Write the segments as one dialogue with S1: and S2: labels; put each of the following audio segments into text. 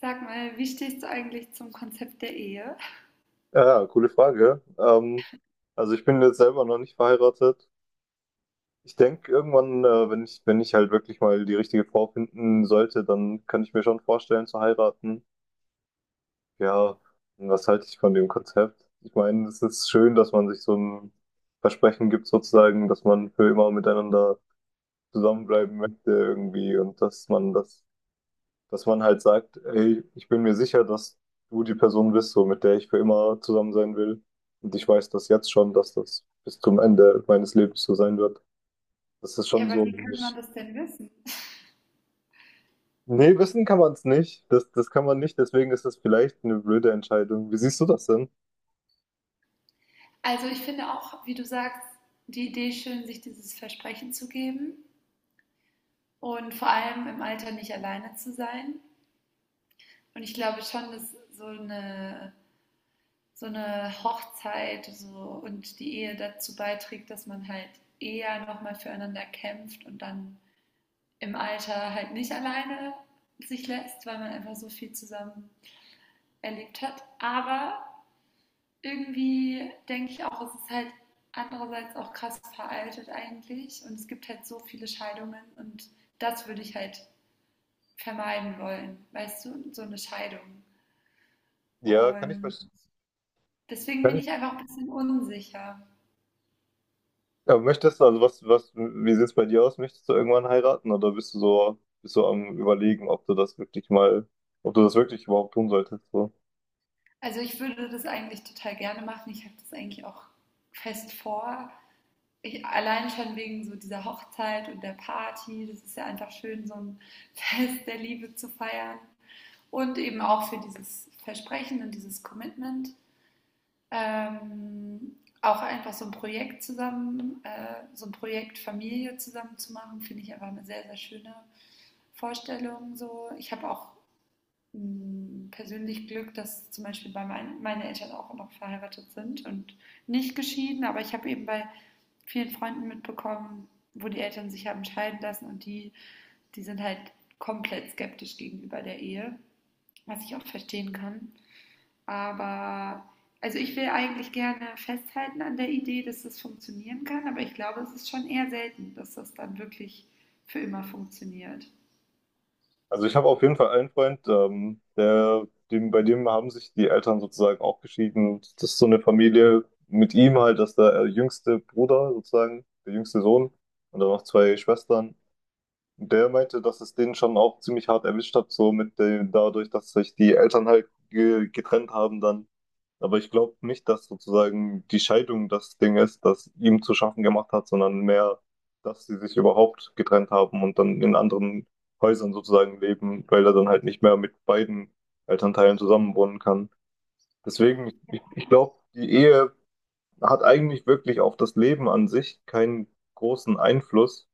S1: Sag mal, wie stehst du eigentlich zum Konzept der Ehe?
S2: Ja, ja, coole Frage. Also ich bin jetzt selber noch nicht verheiratet. Ich denke, irgendwann, wenn ich halt wirklich mal die richtige Frau finden sollte, dann kann ich mir schon vorstellen zu heiraten. Ja, und was halte ich von dem Konzept? Ich meine, es ist schön, dass man sich so ein Versprechen gibt, sozusagen, dass man für immer miteinander zusammenbleiben möchte irgendwie und dass man halt sagt, ey, ich bin mir sicher, dass du die Person bist, so mit der ich für immer zusammen sein will. Und ich weiß das jetzt schon, dass das bis zum Ende meines Lebens so sein wird. Das ist
S1: Ja,
S2: schon
S1: aber
S2: so.
S1: wie kann man das denn wissen?
S2: Nee, wissen kann man es nicht. Das kann man nicht, deswegen ist das vielleicht eine blöde Entscheidung. Wie siehst du das denn?
S1: Also ich finde auch, wie du sagst, die Idee schön, sich dieses Versprechen zu geben und vor allem im Alter nicht alleine zu sein. Und ich glaube schon, dass so eine Hochzeit so und die Ehe dazu beiträgt, dass man halt eher nochmal füreinander kämpft und dann im Alter halt nicht alleine sich lässt, weil man einfach so viel zusammen erlebt hat. Aber irgendwie denke ich auch, es ist halt andererseits auch krass veraltet eigentlich, und es gibt halt so viele Scheidungen, und das würde ich halt vermeiden wollen, weißt du, so eine Scheidung.
S2: Ja, kann ich
S1: Und
S2: verstehen.
S1: deswegen
S2: Kann
S1: bin
S2: ich.
S1: ich einfach ein bisschen unsicher.
S2: Aber möchtest du, also wie sieht es bei dir aus? Möchtest du irgendwann heiraten oder bist du so, bist du am Überlegen, ob du das wirklich mal, ob du das wirklich überhaupt tun solltest? So?
S1: Also ich würde das eigentlich total gerne machen. Ich habe das eigentlich auch fest vor. Ich, allein schon wegen so dieser Hochzeit und der Party. Das ist ja einfach schön, so ein Fest der Liebe zu feiern, und eben auch für dieses Versprechen und dieses Commitment. Ähm, Auch einfach so ein Projekt zusammen, so ein Projekt Familie zusammen zu machen, finde ich einfach eine sehr, sehr schöne Vorstellung. So. Ich habe auch, persönlich Glück, dass zum Beispiel bei meine Eltern auch noch verheiratet sind und nicht geschieden, aber ich habe eben bei vielen Freunden mitbekommen, wo die Eltern sich haben scheiden lassen, und die sind halt komplett skeptisch gegenüber der Ehe, was ich auch verstehen kann. Aber also ich will eigentlich gerne festhalten an der Idee, dass das funktionieren kann, aber ich glaube, es ist schon eher selten, dass das dann wirklich für immer funktioniert.
S2: Also ich habe auf jeden Fall einen Freund, bei dem haben sich die Eltern sozusagen auch geschieden. Und das ist so eine Familie mit ihm halt, dass der jüngste Bruder sozusagen, der jüngste Sohn und dann noch zwei Schwestern. Der meinte, dass es den schon auch ziemlich hart erwischt hat, so mit dem, dadurch, dass sich die Eltern halt ge getrennt haben dann. Aber ich glaube nicht, dass sozusagen die Scheidung das Ding ist, das ihm zu schaffen gemacht hat, sondern mehr, dass sie sich überhaupt getrennt haben und dann in anderen Häusern sozusagen leben, weil er dann halt nicht mehr mit beiden Elternteilen zusammenwohnen kann. Deswegen, ich glaube, die Ehe hat eigentlich wirklich auf das Leben an sich keinen großen Einfluss,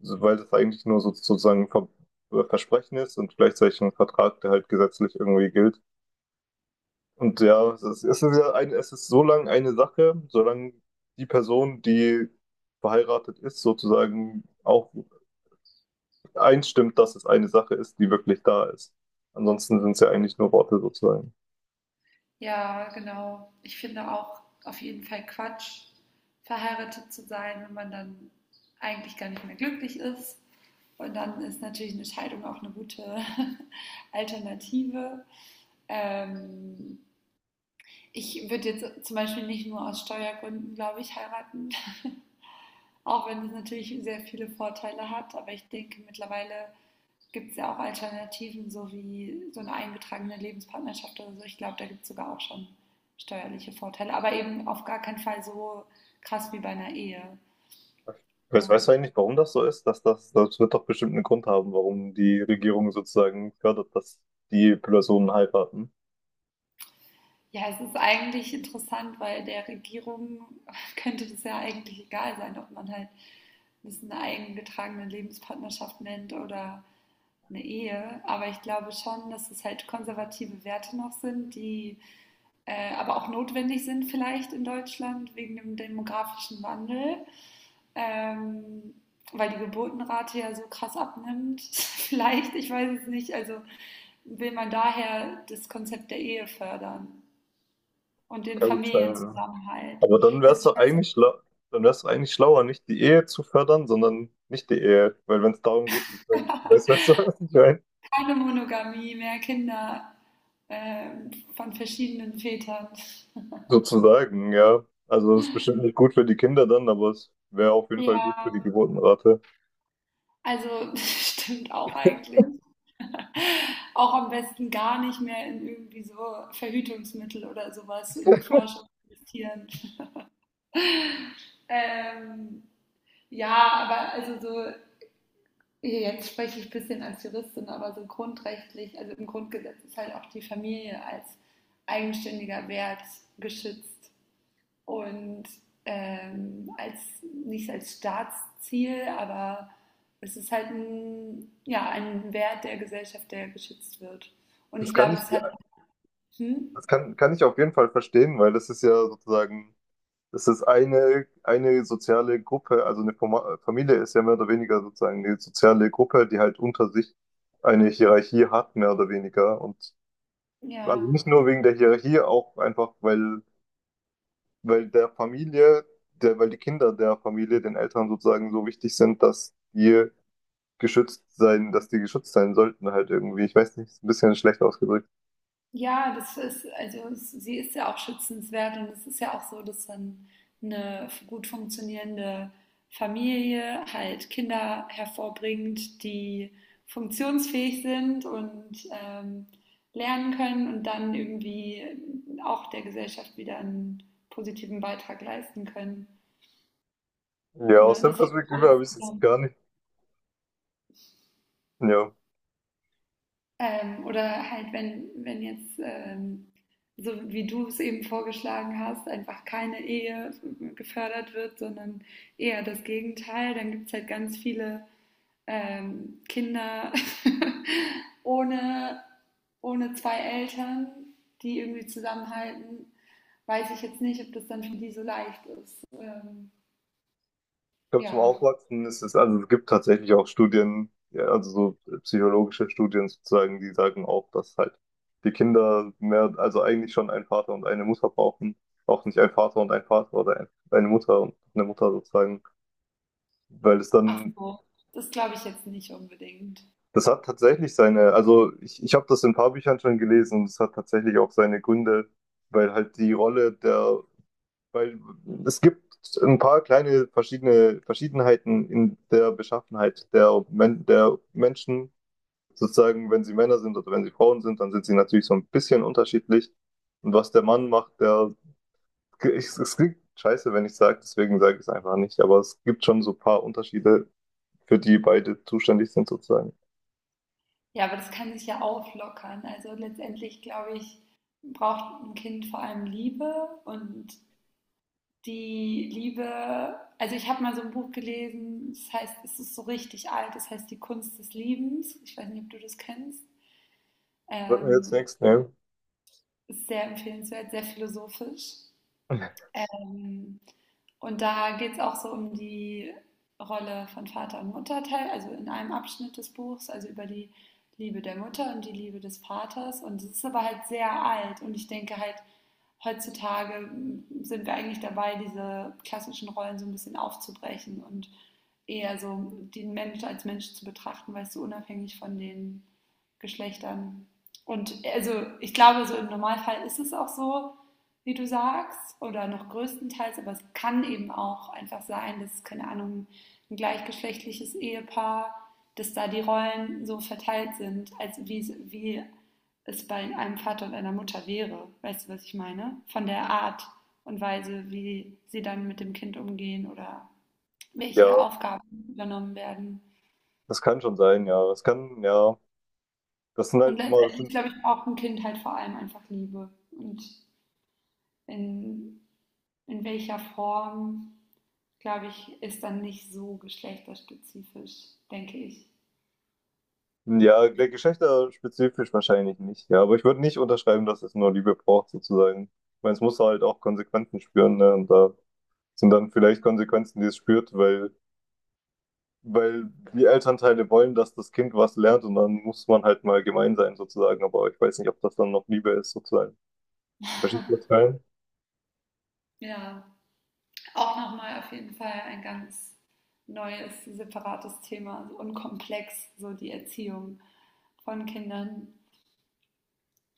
S2: weil das eigentlich nur so, sozusagen ein Versprechen ist und gleichzeitig ein Vertrag, der halt gesetzlich irgendwie gilt. Und ja, es ist ja ein, es ist so lange eine Sache, solange die Person, die verheiratet ist, sozusagen auch einstimmt, dass es eine Sache ist, die wirklich da ist. Ansonsten sind es ja eigentlich nur Worte sozusagen.
S1: Ja, genau. Ich finde auch auf jeden Fall Quatsch, verheiratet zu sein, wenn man dann eigentlich gar nicht mehr glücklich ist. Und dann ist natürlich eine Scheidung auch eine gute Alternative. Ähm, Ich würde jetzt zum Beispiel nicht nur aus Steuergründen, glaube ich, heiraten, auch wenn es natürlich sehr viele Vorteile hat. Aber ich denke, mittlerweile gibt es ja auch Alternativen, so wie so eine eingetragene Lebenspartnerschaft oder so. Ich glaube, da gibt es sogar auch schon steuerliche Vorteile, aber eben auf gar keinen Fall so krass wie bei einer Ehe.
S2: Weißt du
S1: Und
S2: eigentlich, warum das so ist? Dass das wird doch bestimmt einen Grund haben, warum die Regierung sozusagen fördert, dass die Personen heiraten.
S1: ja, es ist eigentlich interessant, weil der Regierung könnte es ja eigentlich egal sein, ob man halt das eine eingetragene Lebenspartnerschaft nennt oder eine Ehe. Aber ich glaube schon, dass es halt konservative Werte noch sind, die aber auch notwendig sind vielleicht in Deutschland wegen dem demografischen Wandel, ähm, weil die Geburtenrate ja so krass abnimmt. Vielleicht, ich weiß es nicht. Also will man daher das Konzept der Ehe fördern, und den
S2: Kann gut sein.
S1: Familienzusammenhalt?
S2: Aber
S1: Also ich weiß,
S2: dann wär's doch eigentlich schlauer, nicht die Ehe zu fördern, sondern nicht die Ehe. Weil wenn es darum geht, sozusagen, weißt du, was ich meine?
S1: keine Monogamie, mehr Kinder, von verschiedenen Vätern.
S2: Sozusagen, ja. Also es ist bestimmt nicht gut für die Kinder dann, aber es wäre auf jeden Fall gut für die
S1: Ja,
S2: Geburtenrate.
S1: also stimmt auch eigentlich. Auch am besten gar nicht mehr in irgendwie so Verhütungsmittel oder sowas in die Forschung investieren. Ähm, ja, aber also so, jetzt spreche ich ein bisschen als Juristin, aber so grundrechtlich, also im Grundgesetz ist halt auch die Familie als eigenständiger Wert geschützt. Und als, nicht als Staatsziel, aber es ist halt ein, ja, ein Wert der Gesellschaft, der geschützt wird. Und
S2: Das
S1: ich
S2: kann
S1: glaube,
S2: ich,
S1: das hat, hm,
S2: das kann ich auf jeden Fall verstehen, weil das ist ja sozusagen, das ist eine soziale Gruppe, also eine Familie ist ja mehr oder weniger sozusagen eine soziale Gruppe, die halt unter sich eine Hierarchie hat, mehr oder weniger. Und also
S1: ja.
S2: nicht nur wegen der Hierarchie, auch einfach, weil, weil der Familie, weil die Kinder der Familie den Eltern sozusagen so wichtig sind, dass die dass die geschützt sein sollten halt irgendwie. Ich weiß nicht, ist ein bisschen schlecht ausgedrückt.
S1: Ja, das ist, also sie ist ja auch schützenswert, und es ist ja auch so, dass dann eine gut funktionierende Familie halt Kinder hervorbringt, die funktionsfähig sind, und lernen können und dann irgendwie auch der Gesellschaft wieder einen positiven Beitrag leisten können.
S2: Ja, aus
S1: Ne?
S2: der
S1: Das hängt
S2: Perspektive
S1: alles
S2: habe ich es jetzt
S1: zusammen.
S2: gar nicht. Ja.
S1: Oder halt, wenn jetzt, so wie du es eben vorgeschlagen hast, einfach keine Ehe gefördert wird, sondern eher das Gegenteil, dann gibt es halt ganz viele Kinder ohne, ohne zwei Eltern, die irgendwie zusammenhalten. Weiß ich jetzt nicht, ob das dann für die so leicht ist.
S2: Ich glaube, zum
S1: Ja.
S2: Aufwachsen ist es, also es gibt tatsächlich auch Studien, ja, also so psychologische Studien sozusagen, die sagen auch, dass halt die Kinder mehr, also eigentlich schon einen Vater und eine Mutter brauchen, auch nicht ein Vater und ein Vater oder eine Mutter und eine Mutter sozusagen, weil es
S1: Ach
S2: dann,
S1: so, das glaube ich jetzt nicht unbedingt.
S2: das hat tatsächlich seine, also ich habe das in ein paar Büchern schon gelesen und es hat tatsächlich auch seine Gründe, weil halt die Rolle der Weil es gibt ein paar kleine verschiedene Verschiedenheiten in der Beschaffenheit Men der Menschen, sozusagen, wenn sie Männer sind oder wenn sie Frauen sind, dann sind sie natürlich so ein bisschen unterschiedlich. Und was der Mann macht, es klingt scheiße, wenn ich sage, deswegen sage ich es einfach nicht, aber es gibt schon so ein paar Unterschiede, für die beide zuständig sind, sozusagen.
S1: Ja, aber das kann sich ja auflockern. Also letztendlich, glaube ich, braucht ein Kind vor allem Liebe und die Liebe. Also ich habe mal so ein Buch gelesen, das heißt, es ist so richtig alt, das heißt Die Kunst des Liebens. Ich weiß nicht, ob du das kennst.
S2: Sollten wir jetzt
S1: Ähm,
S2: nichts nehmen?
S1: Ist sehr empfehlenswert, sehr philosophisch. Ähm, und da geht es auch so um die Rolle von Vater und Mutter, also in einem Abschnitt des Buchs, also über die Liebe der Mutter und die Liebe des Vaters. Und es ist aber halt sehr alt. Und ich denke halt, heutzutage sind wir eigentlich dabei, diese klassischen Rollen so ein bisschen aufzubrechen und eher so den Menschen als Mensch zu betrachten, weißt du, unabhängig von den Geschlechtern. Und also ich glaube, so im Normalfall ist es auch so, wie du sagst, oder noch größtenteils, aber es kann eben auch einfach sein, dass, keine Ahnung, ein gleichgeschlechtliches Ehepaar, dass da die Rollen so verteilt sind, als wie, wie es bei einem Vater und einer Mutter wäre. Weißt du, was ich meine? Von der Art und Weise, wie sie dann mit dem Kind umgehen oder
S2: Ja,
S1: welche Aufgaben übernommen werden.
S2: das kann schon sein, ja. Das kann, ja.
S1: Und
S2: Das
S1: letztendlich,
S2: sind.
S1: glaube ich, braucht ein Kind halt vor allem einfach Liebe. Und in, in welcher Form, glaube ich, ist dann nicht so geschlechterspezifisch, denke ich.
S2: Ja, gleich geschlechterspezifisch wahrscheinlich nicht. Ja, aber ich würde nicht unterschreiben, dass es nur Liebe braucht, sozusagen. Ich meine, es muss halt auch Konsequenzen spüren, ne? Und da sind dann vielleicht Konsequenzen, die es spürt, weil die Elternteile wollen, dass das Kind was lernt und dann muss man halt mal gemein sein, sozusagen. Aber ich weiß nicht, ob das dann noch Liebe ist, sozusagen. Verstehst du das
S1: Ja, auch nochmal auf jeden Fall ein ganz neues, separates Thema und komplex, so die Erziehung von Kindern.